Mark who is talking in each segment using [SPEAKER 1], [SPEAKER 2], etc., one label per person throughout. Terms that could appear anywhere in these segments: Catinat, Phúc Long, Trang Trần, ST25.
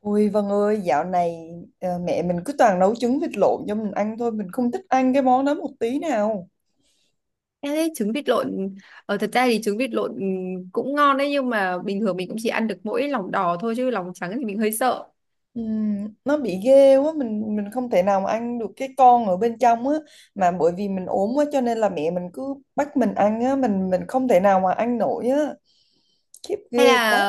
[SPEAKER 1] Ôi Vân ơi, dạo này mẹ mình cứ toàn nấu trứng vịt lộn cho mình ăn thôi, mình không thích ăn cái món đó một tí nào.
[SPEAKER 2] Em thấy trứng vịt lộn thật ra thì trứng vịt lộn cũng ngon đấy nhưng mà bình thường mình cũng chỉ ăn được mỗi lòng đỏ thôi chứ lòng trắng thì mình hơi sợ.
[SPEAKER 1] Nó bị ghê quá, mình không thể nào mà ăn được cái con ở bên trong á, mà bởi vì mình ốm quá cho nên là mẹ mình cứ bắt mình ăn á, mình không thể nào mà ăn nổi á, khiếp
[SPEAKER 2] Hay
[SPEAKER 1] ghê
[SPEAKER 2] là
[SPEAKER 1] quá.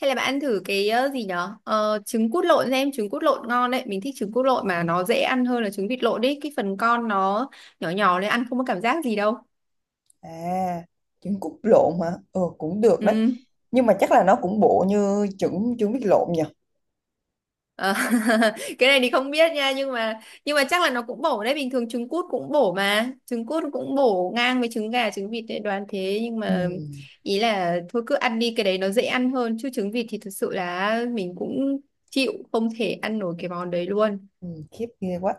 [SPEAKER 2] hay là bạn ăn thử cái gì nhở? Ờ, trứng cút lộn xem, trứng cút lộn ngon đấy. Mình thích trứng cút lộn mà nó dễ ăn hơn là trứng vịt lộn đấy. Cái phần con nó nhỏ nhỏ nên ăn không có cảm giác gì đâu.
[SPEAKER 1] À, trứng cút lộn hả? Ờ, cũng được đấy,
[SPEAKER 2] Ừ.
[SPEAKER 1] nhưng mà chắc là nó cũng bộ như trứng trứng vịt lộn nhỉ?
[SPEAKER 2] Ờ, cái này thì không biết nha nhưng mà chắc là nó cũng bổ đấy, bình thường trứng cút cũng bổ mà trứng cút cũng bổ ngang với trứng gà trứng vịt đấy, đoán thế. Nhưng mà
[SPEAKER 1] Ừm.
[SPEAKER 2] ý là thôi cứ ăn đi, cái đấy nó dễ ăn hơn chứ trứng vịt thì thực sự là mình cũng chịu, không thể ăn nổi cái món đấy luôn.
[SPEAKER 1] Ừ, khiếp ghê quá.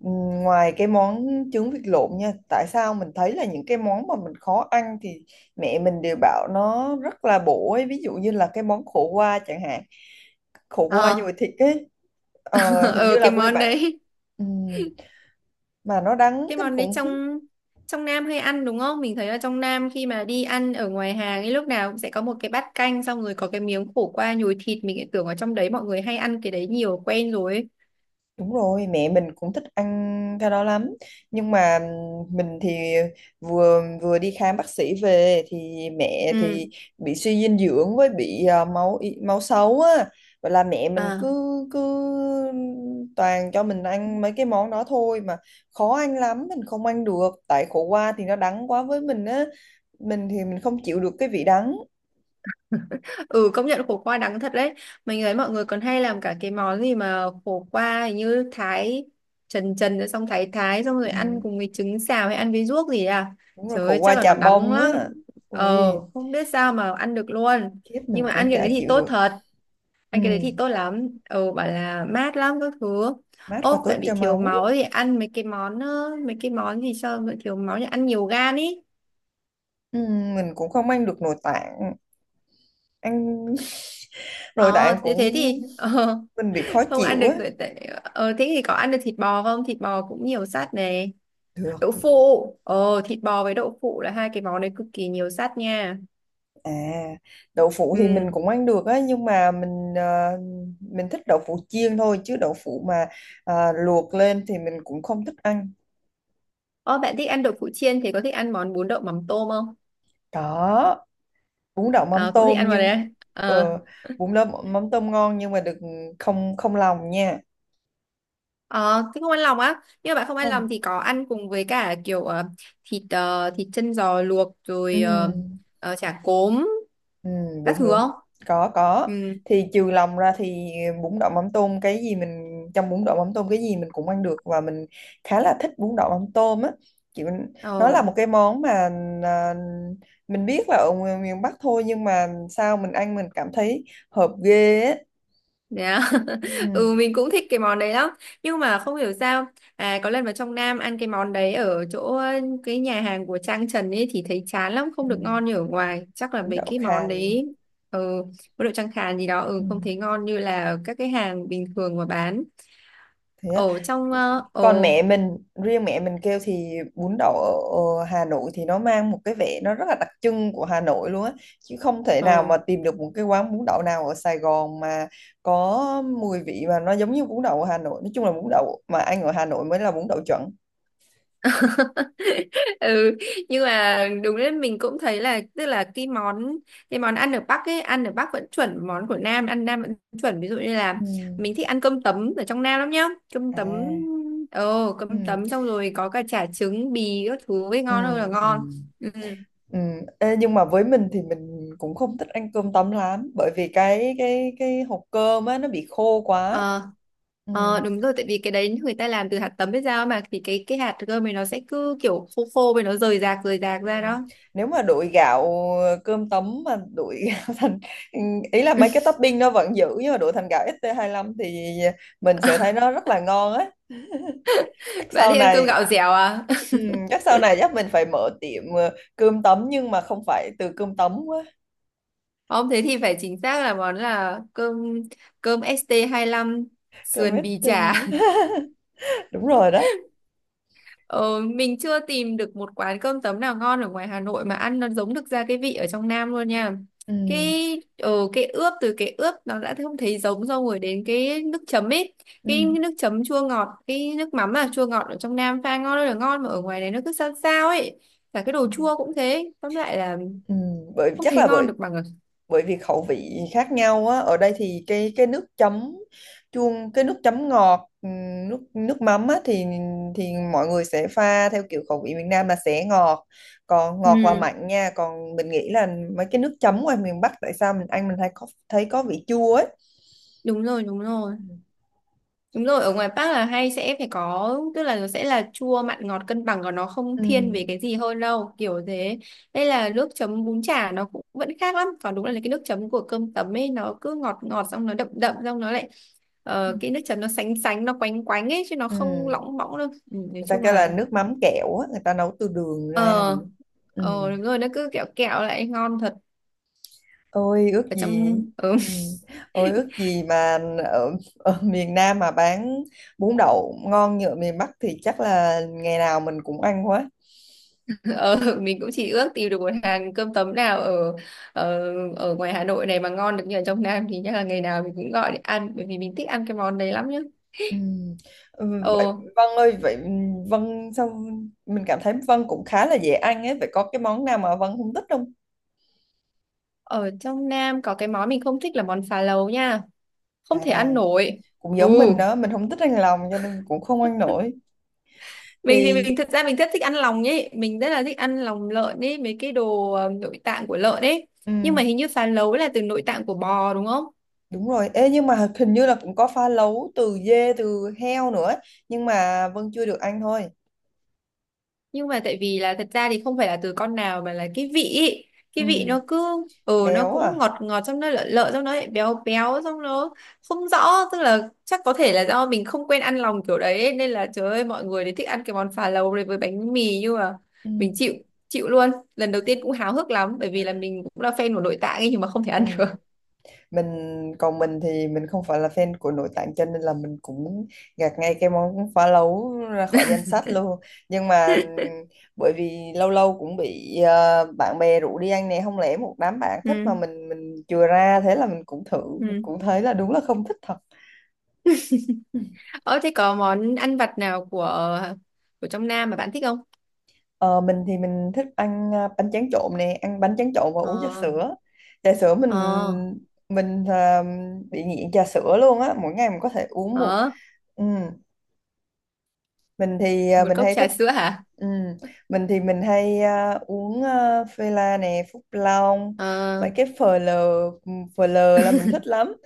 [SPEAKER 1] Ừ, ngoài cái món trứng vịt lộn nha, tại sao mình thấy là những cái món mà mình khó ăn thì mẹ mình đều bảo nó rất là bổ ấy, ví dụ như là cái món khổ qua chẳng hạn, khổ qua
[SPEAKER 2] ờ
[SPEAKER 1] nhồi thịt ấy, hình
[SPEAKER 2] ờ
[SPEAKER 1] như là
[SPEAKER 2] cái
[SPEAKER 1] quê
[SPEAKER 2] món
[SPEAKER 1] bạn,
[SPEAKER 2] đấy
[SPEAKER 1] ừ, mà nó đắng
[SPEAKER 2] cái
[SPEAKER 1] kinh
[SPEAKER 2] món đấy
[SPEAKER 1] khủng khiếp.
[SPEAKER 2] trong trong Nam hay ăn đúng không? Mình thấy là trong Nam khi mà đi ăn ở ngoài hàng ấy lúc nào cũng sẽ có một cái bát canh, xong rồi có cái miếng khổ qua nhồi thịt, mình lại tưởng ở trong đấy mọi người hay ăn cái đấy nhiều quen rồi ấy.
[SPEAKER 1] Đúng rồi, mẹ mình cũng thích ăn cái đó lắm. Nhưng mà mình thì vừa vừa đi khám bác sĩ về thì mẹ
[SPEAKER 2] Ừ.
[SPEAKER 1] thì bị suy dinh dưỡng với bị máu xấu á. Vậy là mẹ mình
[SPEAKER 2] À.
[SPEAKER 1] cứ cứ toàn cho mình ăn mấy cái món đó thôi mà khó ăn lắm, mình không ăn được. Tại khổ qua thì nó đắng quá với mình á. Mình thì mình không chịu được cái vị đắng.
[SPEAKER 2] Ừ, công nhận khổ qua đắng thật đấy. Mình thấy mọi người còn hay làm cả cái món gì mà khổ qua hình như thái trần trần rồi xong thái thái xong rồi
[SPEAKER 1] Ừ,
[SPEAKER 2] ăn cùng với trứng xào hay ăn với ruốc gì à.
[SPEAKER 1] đúng rồi,
[SPEAKER 2] Trời
[SPEAKER 1] khổ
[SPEAKER 2] ơi,
[SPEAKER 1] qua
[SPEAKER 2] chắc là
[SPEAKER 1] chà
[SPEAKER 2] nó đắng
[SPEAKER 1] bông
[SPEAKER 2] lắm.
[SPEAKER 1] á. Ui,
[SPEAKER 2] Ờ không biết sao mà ăn được luôn.
[SPEAKER 1] khiếp mình
[SPEAKER 2] Nhưng mà ăn
[SPEAKER 1] cũng
[SPEAKER 2] cái
[SPEAKER 1] chả
[SPEAKER 2] đấy thì
[SPEAKER 1] chịu
[SPEAKER 2] tốt
[SPEAKER 1] được.
[SPEAKER 2] thật, ăn cái đấy
[SPEAKER 1] Ừ.
[SPEAKER 2] thì tốt lắm. Ừ, bảo là mát lắm các thứ.
[SPEAKER 1] Mát và
[SPEAKER 2] Ốp
[SPEAKER 1] tốt
[SPEAKER 2] tại bị
[SPEAKER 1] cho
[SPEAKER 2] thiếu
[SPEAKER 1] máu.
[SPEAKER 2] máu thì ăn mấy cái món mấy cái món gì cho bị thiếu máu thì ăn nhiều gan ý.
[SPEAKER 1] Mình cũng không ăn được nội tạng, ăn nội
[SPEAKER 2] Ờ
[SPEAKER 1] tạng
[SPEAKER 2] thế
[SPEAKER 1] cũng
[SPEAKER 2] thế thì ờ,
[SPEAKER 1] mình bị khó
[SPEAKER 2] không ăn
[SPEAKER 1] chịu
[SPEAKER 2] được
[SPEAKER 1] á.
[SPEAKER 2] tại thế thì có ăn được thịt bò không, thịt bò cũng nhiều sắt này,
[SPEAKER 1] được
[SPEAKER 2] đậu
[SPEAKER 1] thì-
[SPEAKER 2] phụ. Ờ Thịt bò với đậu phụ là hai cái món đấy cực kỳ nhiều sắt nha.
[SPEAKER 1] À, đậu phụ thì mình
[SPEAKER 2] Ừ.
[SPEAKER 1] cũng ăn được á, nhưng mà mình thích đậu phụ chiên thôi, chứ đậu phụ mà luộc lên thì mình cũng không thích ăn.
[SPEAKER 2] Ờ bạn thích ăn đậu phụ chiên thì có thích ăn món bún đậu mắm tôm không?
[SPEAKER 1] Có, bún đậu mắm
[SPEAKER 2] À, cũng thích
[SPEAKER 1] tôm,
[SPEAKER 2] ăn vào đấy
[SPEAKER 1] nhưng
[SPEAKER 2] à? Ờ.
[SPEAKER 1] ờ, bún đậu mắm tôm ngon nhưng mà đừng, không không lòng nha.
[SPEAKER 2] Ờ, thế không ăn lòng á, nhưng mà bạn không ăn
[SPEAKER 1] Không.
[SPEAKER 2] lòng thì có ăn cùng với cả kiểu thịt thịt chân giò luộc
[SPEAKER 1] Ừ.
[SPEAKER 2] rồi chả cốm
[SPEAKER 1] Ừ,
[SPEAKER 2] các
[SPEAKER 1] đúng
[SPEAKER 2] thứ không?
[SPEAKER 1] đúng. Có,
[SPEAKER 2] Ừ.
[SPEAKER 1] thì trừ lòng ra thì bún đậu mắm tôm cái gì mình, trong bún đậu mắm tôm cái gì mình cũng ăn được, và mình khá là thích bún đậu mắm tôm á. Chị mình, nó
[SPEAKER 2] ờ
[SPEAKER 1] là một cái món mà à, mình biết là ở miền miền Bắc thôi, nhưng mà sao mình ăn mình cảm thấy hợp ghê á.
[SPEAKER 2] yeah.
[SPEAKER 1] Ừ,
[SPEAKER 2] Ừ, mình cũng thích cái món đấy lắm nhưng mà không hiểu sao, à có lần vào trong Nam ăn cái món đấy ở chỗ cái nhà hàng của Trang Trần ấy thì thấy chán lắm, không
[SPEAKER 1] ừ,
[SPEAKER 2] được ngon như ở ngoài. Chắc là
[SPEAKER 1] bún
[SPEAKER 2] mấy
[SPEAKER 1] đậu
[SPEAKER 2] cái món
[SPEAKER 1] khàn.
[SPEAKER 2] đấy ừ có độ Trang Khàn gì đó.
[SPEAKER 1] Ừ.
[SPEAKER 2] Ừ, không thấy ngon như là các cái hàng bình thường mà bán.
[SPEAKER 1] Thế á.
[SPEAKER 2] Ổ trong
[SPEAKER 1] Còn
[SPEAKER 2] ồ
[SPEAKER 1] mẹ mình Riêng mẹ mình kêu thì bún đậu ở ở Hà Nội thì nó mang một cái vẻ, nó rất là đặc trưng của Hà Nội luôn á, chứ không thể
[SPEAKER 2] ồ.
[SPEAKER 1] nào mà tìm được một cái quán bún đậu nào ở Sài Gòn mà có mùi vị mà nó giống như bún đậu ở Hà Nội. Nói chung là bún đậu mà ăn ở Hà Nội mới là bún đậu chuẩn.
[SPEAKER 2] Ừ, nhưng mà đúng đấy, mình cũng thấy là tức là cái món ăn ở Bắc ấy, ăn ở Bắc vẫn chuẩn, món của Nam ăn Nam vẫn chuẩn. Ví dụ như
[SPEAKER 1] Ừ.
[SPEAKER 2] là mình thích ăn cơm tấm ở trong Nam lắm nhá, cơm
[SPEAKER 1] À
[SPEAKER 2] tấm. Ồ, cơm
[SPEAKER 1] ừ.
[SPEAKER 2] tấm xong rồi có cả chả trứng bì các thứ ấy,
[SPEAKER 1] Ừ.
[SPEAKER 2] ngon hơn là
[SPEAKER 1] Ừ.
[SPEAKER 2] ngon. Ừ.
[SPEAKER 1] Ừ. Ê, nhưng mà với mình thì mình cũng không thích ăn cơm tấm lắm, bởi vì cái hộp cơm á nó bị khô quá.
[SPEAKER 2] ờ
[SPEAKER 1] Ừ.
[SPEAKER 2] Ờ đúng rồi, tại vì cái đấy người ta làm từ hạt tấm, biết sao mà, thì cái hạt cơm này nó sẽ cứ kiểu khô khô với nó rời rạc
[SPEAKER 1] Ừ.
[SPEAKER 2] ra đó.
[SPEAKER 1] Nếu mà đổi gạo ờ, Cơm tấm mà đổi gạo thành, ý là mấy cái topping nó vẫn giữ nhưng mà đổi thành gạo ST lăm thì mình sẽ thấy nó rất là ngon á. Chắc
[SPEAKER 2] Bạn
[SPEAKER 1] sau
[SPEAKER 2] thì ăn cơm
[SPEAKER 1] này,
[SPEAKER 2] gạo dẻo à?
[SPEAKER 1] ừ, chắc sau này chắc mình phải mở tiệm cơm tấm nhưng mà không phải từ cơm tấm quá.
[SPEAKER 2] Không, thế thì phải chính xác là món là cơm cơm ST25
[SPEAKER 1] Cơm
[SPEAKER 2] sườn bì
[SPEAKER 1] ST
[SPEAKER 2] chả.
[SPEAKER 1] đúng rồi đó.
[SPEAKER 2] Ờ, mình chưa tìm được một quán cơm tấm nào ngon ở ngoài Hà Nội mà ăn nó giống được ra cái vị ở trong Nam luôn nha.
[SPEAKER 1] Ừ.
[SPEAKER 2] Cái ờ, cái ướp từ cái ướp nó đã không thấy giống, xong rồi đến cái nước chấm ấy,
[SPEAKER 1] Ừ.
[SPEAKER 2] cái nước chấm chua ngọt, cái nước mắm là chua ngọt ở trong Nam pha ngon ơi là ngon mà ở ngoài này nó cứ sao sao ấy. Cả cái đồ chua cũng thế, tóm lại là
[SPEAKER 1] Ừ. bởi
[SPEAKER 2] không
[SPEAKER 1] chắc
[SPEAKER 2] thấy
[SPEAKER 1] là
[SPEAKER 2] ngon
[SPEAKER 1] bởi
[SPEAKER 2] được bằng ở.
[SPEAKER 1] Bởi vì khẩu vị khác nhau á. Ở đây thì cái nước chấm, chuông, cái nước chấm ngọt, nước nước mắm á thì mọi người sẽ pha theo kiểu khẩu vị miền Nam là sẽ ngọt, còn ngọt và Ừ.
[SPEAKER 2] Ừ,
[SPEAKER 1] Mặn nha, còn mình nghĩ là mấy cái nước chấm ngoài miền Bắc tại sao mình ăn mình thấy có, thấy có vị chua ấy.
[SPEAKER 2] đúng rồi, đúng rồi.
[SPEAKER 1] Ừ.
[SPEAKER 2] Đúng rồi, ở ngoài Bắc là hay sẽ phải có, tức là nó sẽ là chua mặn ngọt cân bằng còn nó không
[SPEAKER 1] Ừ.
[SPEAKER 2] thiên về cái gì hơn đâu, kiểu thế. Đây là nước chấm bún chả nó cũng vẫn khác lắm, còn đúng là cái nước chấm của cơm tấm ấy nó cứ ngọt ngọt xong nó đậm đậm xong nó lại
[SPEAKER 1] Ừ.
[SPEAKER 2] cái nước chấm nó sánh sánh nó quánh quánh ấy chứ nó
[SPEAKER 1] Ừ.
[SPEAKER 2] không lỏng bõng đâu. Ừ, nói
[SPEAKER 1] Người ta
[SPEAKER 2] chung
[SPEAKER 1] kêu là
[SPEAKER 2] là
[SPEAKER 1] nước mắm kẹo á, người ta nấu từ đường ra
[SPEAKER 2] ờ
[SPEAKER 1] nữa. Ừ.
[SPEAKER 2] đúng rồi, nó cứ kẹo kẹo lại ngon thật.
[SPEAKER 1] Ôi ước
[SPEAKER 2] Ở
[SPEAKER 1] gì.
[SPEAKER 2] trong. Ừ.
[SPEAKER 1] Ừ. Ôi ước gì mà ở, ở miền Nam mà bán bún đậu ngon như ở miền Bắc thì chắc là ngày nào mình cũng ăn quá.
[SPEAKER 2] Ờ, mình cũng chỉ ước tìm được một hàng cơm tấm nào ở ở ở ngoài Hà Nội này mà ngon được như ở trong Nam thì chắc là ngày nào mình cũng gọi để ăn, bởi vì mình thích ăn cái món đấy lắm nhá.
[SPEAKER 1] Ừ. Ừ, vậy,
[SPEAKER 2] Ồ,
[SPEAKER 1] Vân ơi, vậy Vân sao mình cảm thấy Vân cũng khá là dễ ăn ấy, vậy có cái món nào mà Vân không thích không?
[SPEAKER 2] ở trong Nam có cái món mình không thích là món phá lấu nha, không thể
[SPEAKER 1] À,
[SPEAKER 2] ăn nổi.
[SPEAKER 1] cũng
[SPEAKER 2] Ừ,
[SPEAKER 1] giống mình đó, mình không thích ăn lòng cho nên cũng không ăn nổi.
[SPEAKER 2] mình thì
[SPEAKER 1] Thì
[SPEAKER 2] mình thật ra mình rất thích ăn lòng ấy, mình rất là thích ăn lòng lợn ấy, mấy cái đồ nội tạng của lợn ấy.
[SPEAKER 1] ừ,
[SPEAKER 2] Nhưng mà hình như phá lấu là từ nội tạng của bò đúng không?
[SPEAKER 1] đúng rồi. Ê, nhưng mà hình như là cũng có pha lấu từ dê từ heo nữa, nhưng mà Vân chưa được ăn thôi.
[SPEAKER 2] Nhưng mà tại vì là thật ra thì không phải là từ con nào mà là cái vị ý.
[SPEAKER 1] Ừ.
[SPEAKER 2] Cái vị nó cứ ừ nó
[SPEAKER 1] Béo
[SPEAKER 2] cũng
[SPEAKER 1] à.
[SPEAKER 2] ngọt ngọt trong, nó lợ lợ trong, nó lại béo béo trong, nó không rõ. Tức là chắc có thể là do mình không quen ăn lòng kiểu đấy ấy, nên là trời ơi mọi người đấy thích ăn cái món phà lầu này với bánh mì nhưng mà mình
[SPEAKER 1] Ừ.
[SPEAKER 2] chịu chịu luôn. Lần đầu tiên cũng háo hức lắm bởi vì là mình cũng là fan của nội tạng ấy nhưng mà không thể
[SPEAKER 1] Ừ.
[SPEAKER 2] ăn được.
[SPEAKER 1] Mình, còn mình thì mình không phải là fan của nội tạng cho nên là mình cũng gạt ngay cái món phá lấu ra khỏi danh sách luôn. Nhưng mà ừ, bởi vì lâu lâu cũng bị bạn bè rủ đi ăn nè, không lẽ một đám bạn thích mà
[SPEAKER 2] Ừ.
[SPEAKER 1] mình chừa ra, thế là mình cũng thử,
[SPEAKER 2] Ừ.
[SPEAKER 1] cũng thấy là đúng là không thích thật.
[SPEAKER 2] Ờ thế có món ăn vặt nào của trong Nam mà bạn thích không?
[SPEAKER 1] Ờ, mình thì mình thích ăn bánh tráng trộn nè, ăn bánh tráng trộn và uống trà
[SPEAKER 2] Ờ.
[SPEAKER 1] sữa. Trà sữa mình
[SPEAKER 2] Ờ.
[SPEAKER 1] mình à, bị nghiện trà sữa luôn á, mỗi ngày mình có thể uống một,
[SPEAKER 2] Ờ,
[SPEAKER 1] ừ mình thì
[SPEAKER 2] một
[SPEAKER 1] mình
[SPEAKER 2] cốc
[SPEAKER 1] hay
[SPEAKER 2] trà
[SPEAKER 1] thích,
[SPEAKER 2] sữa hả?
[SPEAKER 1] ừ, mình thì mình hay uống phê la nè, Phúc Long,
[SPEAKER 2] Ờ.
[SPEAKER 1] mấy cái phờ lờ, phờ lờ là mình thích lắm.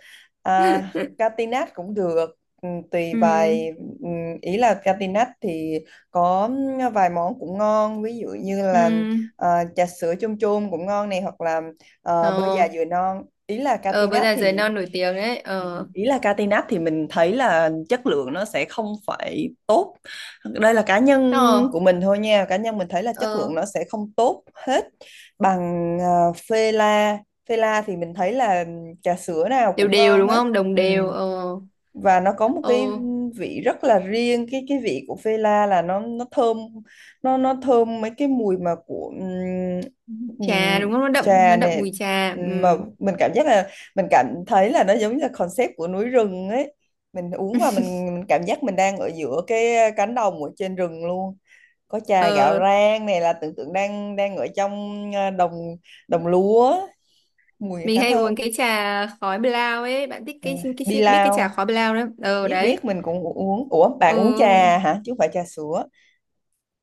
[SPEAKER 1] à, Catinat cũng được, ừ, tùy vài,
[SPEAKER 2] Ừ.
[SPEAKER 1] ừ, ý là Catinat thì có vài món cũng ngon, ví dụ như
[SPEAKER 2] Ừ.
[SPEAKER 1] là trà sữa chôm chôm cũng ngon này, hoặc là bơ
[SPEAKER 2] Ờ.
[SPEAKER 1] già dừa non.
[SPEAKER 2] Ờ bữa giờ giới non nổi tiếng đấy. Ờ.
[SPEAKER 1] Ý là Catinat thì mình thấy là chất lượng nó sẽ không phải tốt, đây là cá nhân
[SPEAKER 2] Ờ.
[SPEAKER 1] của mình thôi nha, cá nhân mình thấy là chất
[SPEAKER 2] Ờ
[SPEAKER 1] lượng nó sẽ không tốt hết bằng uh, phê la phê la thì mình thấy là trà sữa nào
[SPEAKER 2] đều
[SPEAKER 1] cũng
[SPEAKER 2] đều
[SPEAKER 1] ngon
[SPEAKER 2] đúng
[SPEAKER 1] hết.
[SPEAKER 2] không, đồng
[SPEAKER 1] Ừ.
[SPEAKER 2] đều. Ờ.
[SPEAKER 1] Và nó có một cái
[SPEAKER 2] Ờ
[SPEAKER 1] vị rất là riêng, cái vị của phê la là nó thơm, nó thơm mấy cái mùi mà của
[SPEAKER 2] trà
[SPEAKER 1] ừm,
[SPEAKER 2] đúng không, nó đậm,
[SPEAKER 1] trà
[SPEAKER 2] nó đậm mùi
[SPEAKER 1] này.
[SPEAKER 2] trà.
[SPEAKER 1] Mà
[SPEAKER 2] Ừ.
[SPEAKER 1] mình cảm giác là mình cảm thấy là nó giống như là concept của núi rừng ấy, mình uống và mình cảm giác mình đang ở giữa cái cánh đồng ở trên rừng luôn, có trà gạo
[SPEAKER 2] Ờ
[SPEAKER 1] rang này, là tưởng tượng đang đang ở trong đồng đồng lúa, mùi
[SPEAKER 2] mình
[SPEAKER 1] khá
[SPEAKER 2] hay uống
[SPEAKER 1] thơm.
[SPEAKER 2] cái trà khói blau ấy, bạn thích
[SPEAKER 1] À,
[SPEAKER 2] cái
[SPEAKER 1] đi
[SPEAKER 2] biết cái trà
[SPEAKER 1] lao,
[SPEAKER 2] khói blau đó ờ
[SPEAKER 1] biết
[SPEAKER 2] đấy.
[SPEAKER 1] biết mình cũng uống, ủa bạn uống
[SPEAKER 2] Ừ,
[SPEAKER 1] trà hả chứ không phải trà sữa?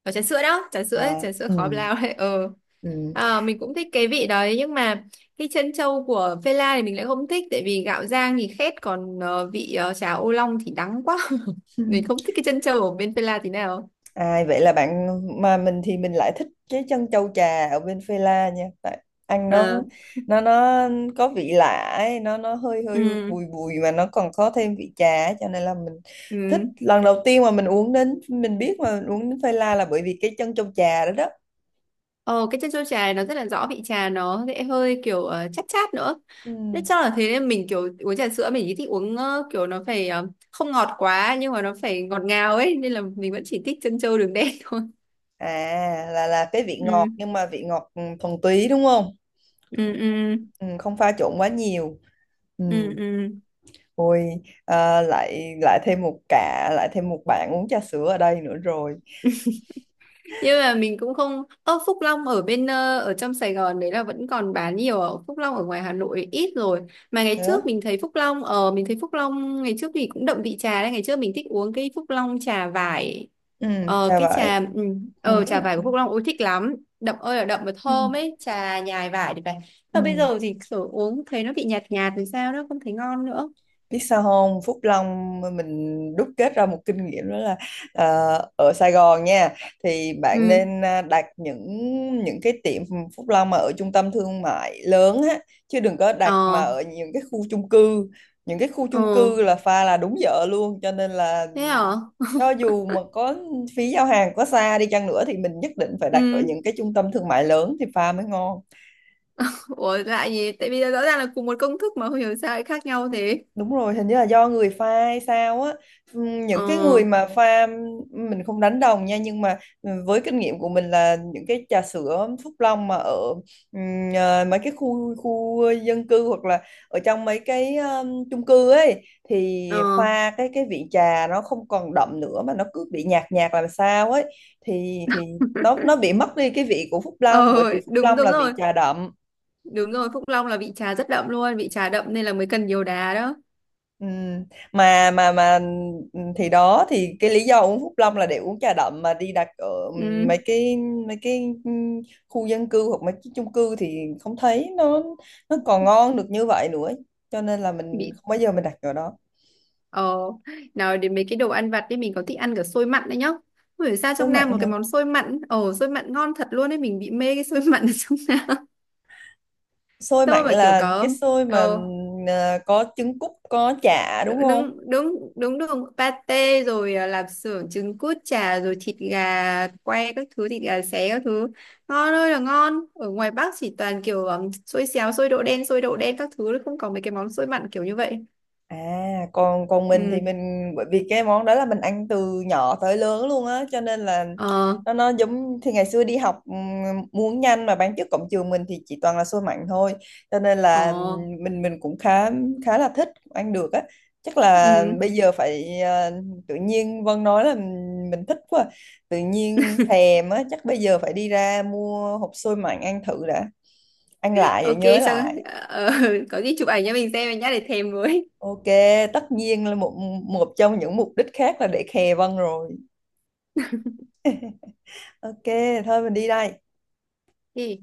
[SPEAKER 2] ờ ở trà sữa đó, trà sữa,
[SPEAKER 1] À
[SPEAKER 2] trà sữa
[SPEAKER 1] ừ.
[SPEAKER 2] khói blau đấy ờ.
[SPEAKER 1] Ừ.
[SPEAKER 2] Ờ, mình cũng thích cái vị đấy nhưng mà cái chân trâu của phê la thì mình lại không thích, tại vì gạo rang thì khét còn vị chả ô long thì đắng quá.
[SPEAKER 1] Ừ.
[SPEAKER 2] Mình không thích cái chân trâu ở bên phê la tí nào.
[SPEAKER 1] Ai vậy là bạn, mà mình thì mình lại thích cái chân châu trà ở bên Phê La nha, tại ăn
[SPEAKER 2] Ờ,
[SPEAKER 1] nó nó có vị lạ ấy, nó hơi hơi
[SPEAKER 2] ừ,
[SPEAKER 1] bùi bùi mà nó còn có thêm vị trà ấy, cho nên là mình thích.
[SPEAKER 2] ừ.
[SPEAKER 1] Lần đầu tiên mà mình uống, đến mình biết mà mình uống đến Phê La là bởi vì cái chân châu trà đó đó.
[SPEAKER 2] Ờ, cái chân trâu trà này nó rất là rõ vị trà, nó sẽ hơi kiểu chát chát nữa.
[SPEAKER 1] Ừ.
[SPEAKER 2] Thế chắc là thế nên mình kiểu uống trà sữa mình chỉ thích uống kiểu nó phải không ngọt quá nhưng mà nó phải ngọt ngào ấy, nên là mình vẫn chỉ thích chân trâu đường đen thôi.
[SPEAKER 1] À, là cái vị ngọt
[SPEAKER 2] Ừ.
[SPEAKER 1] nhưng mà vị ngọt thuần túy đúng không?
[SPEAKER 2] Ừ. Ừ.
[SPEAKER 1] Ừ, không pha trộn quá nhiều. Ừ.
[SPEAKER 2] Ừ. Ừ.
[SPEAKER 1] Ôi, lại lại thêm một cả lại thêm một bạn uống trà sữa ở đây nữa rồi.
[SPEAKER 2] Nhưng mà mình cũng không. Ơ Phúc Long ở bên ở trong Sài Gòn đấy là vẫn còn bán nhiều à? Phúc Long ở ngoài Hà Nội ít rồi mà ngày
[SPEAKER 1] Thế
[SPEAKER 2] trước
[SPEAKER 1] á?
[SPEAKER 2] mình thấy Phúc Long ở, mình thấy Phúc Long ngày trước thì cũng đậm vị trà đấy, ngày trước mình thích uống cái Phúc Long trà vải.
[SPEAKER 1] Ừ,
[SPEAKER 2] Ờ
[SPEAKER 1] chà
[SPEAKER 2] cái
[SPEAKER 1] vậy
[SPEAKER 2] trà
[SPEAKER 1] mình biết
[SPEAKER 2] trà vải của
[SPEAKER 1] rồi.
[SPEAKER 2] Phúc Long ôi thích lắm, đậm ơi là đậm và
[SPEAKER 1] Ừ.
[SPEAKER 2] thơm ấy, trà nhài vải thì phải. Mà bây
[SPEAKER 1] Ừ.
[SPEAKER 2] giờ thì kiểu uống thấy nó bị nhạt nhạt thì sao đó, không thấy ngon nữa.
[SPEAKER 1] Biết sao không, Phúc Long, mình đúc kết ra một kinh nghiệm đó là à, ở Sài Gòn nha, thì bạn
[SPEAKER 2] Ừ.
[SPEAKER 1] nên đặt những cái tiệm Phúc Long mà ở trung tâm thương mại lớn á, chứ đừng có đặt mà
[SPEAKER 2] Ờ.
[SPEAKER 1] ở những cái khu chung cư. Những cái khu
[SPEAKER 2] Ờ
[SPEAKER 1] chung cư là pha là đúng dở luôn, cho nên là
[SPEAKER 2] thế hả.
[SPEAKER 1] cho dù mà có phí giao hàng có xa đi chăng nữa thì mình nhất định phải đặt ở
[SPEAKER 2] Ừ.
[SPEAKER 1] những cái trung tâm thương mại lớn thì pha mới ngon.
[SPEAKER 2] Ủa lạ gì? Tại vì rõ ràng là cùng một công thức mà không hiểu sao lại khác nhau thế.
[SPEAKER 1] Đúng rồi, hình như là do người pha hay sao á. Những cái
[SPEAKER 2] Ờ.
[SPEAKER 1] người mà pha, mình không đánh đồng nha nhưng mà với kinh nghiệm của mình là những cái trà sữa Phúc Long mà ở mấy cái khu khu dân cư, hoặc là ở trong mấy cái chung cư ấy thì
[SPEAKER 2] ờ
[SPEAKER 1] pha cái vị trà nó không còn đậm nữa mà nó cứ bị nhạt nhạt làm sao ấy, thì nó bị mất đi cái vị của Phúc Long,
[SPEAKER 2] ờ,
[SPEAKER 1] bởi vì Phúc
[SPEAKER 2] đúng
[SPEAKER 1] Long
[SPEAKER 2] đúng
[SPEAKER 1] là vị
[SPEAKER 2] rồi.
[SPEAKER 1] trà đậm.
[SPEAKER 2] Đúng rồi, Phúc Long là vị trà rất đậm luôn, vị trà đậm nên là mới cần nhiều đá đó.
[SPEAKER 1] Ừ. Mà thì đó thì cái lý do uống Phúc Long là để uống trà đậm mà đi đặt ở ừ,
[SPEAKER 2] Ừ,
[SPEAKER 1] mấy cái mấy cái khu dân cư hoặc mấy cái chung cư thì không thấy nó còn ngon được như vậy nữa, cho nên là mình
[SPEAKER 2] bị
[SPEAKER 1] không bao giờ mình đặt ở đó.
[SPEAKER 2] ờ nào đến mấy cái đồ ăn vặt đi. Mình có thích ăn cả xôi mặn đấy nhá. Không hiểu sao
[SPEAKER 1] Xôi
[SPEAKER 2] trong Nam
[SPEAKER 1] mặn
[SPEAKER 2] một cái
[SPEAKER 1] hả?
[SPEAKER 2] món xôi mặn, ờ xôi mặn ngon thật luôn đấy, mình bị mê cái xôi mặn ở trong Nam.
[SPEAKER 1] Xôi
[SPEAKER 2] Xôi
[SPEAKER 1] mặn
[SPEAKER 2] mà kiểu
[SPEAKER 1] là cái
[SPEAKER 2] có
[SPEAKER 1] xôi mà
[SPEAKER 2] ờ
[SPEAKER 1] có trứng cút, có chả
[SPEAKER 2] đúng
[SPEAKER 1] đúng không?
[SPEAKER 2] đúng đúng đúng đường pate rồi, à, lạp xưởng trứng cút chả rồi thịt gà quay các thứ, thịt gà xé các thứ ngon ơi là ngon. Ở ngoài Bắc chỉ toàn kiểu xôi xéo xôi đậu đen các thứ, không có mấy cái món xôi mặn kiểu như vậy.
[SPEAKER 1] À, còn còn mình thì
[SPEAKER 2] Ừ.
[SPEAKER 1] mình bởi vì cái món đó là mình ăn từ nhỏ tới lớn luôn á, cho nên là
[SPEAKER 2] ờ
[SPEAKER 1] nó giống. Thì ngày xưa đi học muốn nhanh mà bán trước cổng trường mình thì chỉ toàn là xôi mặn thôi, cho nên là
[SPEAKER 2] ờ
[SPEAKER 1] mình cũng khá, khá là thích ăn được á. Chắc là
[SPEAKER 2] ừ,
[SPEAKER 1] bây giờ phải tự nhiên Vân nói là mình thích quá, tự nhiên thèm á, chắc bây giờ phải đi ra mua hộp xôi mặn ăn thử đã, ăn lại rồi
[SPEAKER 2] ok,
[SPEAKER 1] nhớ
[SPEAKER 2] xong,
[SPEAKER 1] lại.
[SPEAKER 2] ờ, có gì chụp ảnh cho mình xem nhá để thèm với.
[SPEAKER 1] Ok, tất nhiên là một một trong những mục đích khác là để khè Vân rồi. Ok, thôi mình đi đây.
[SPEAKER 2] Ừ.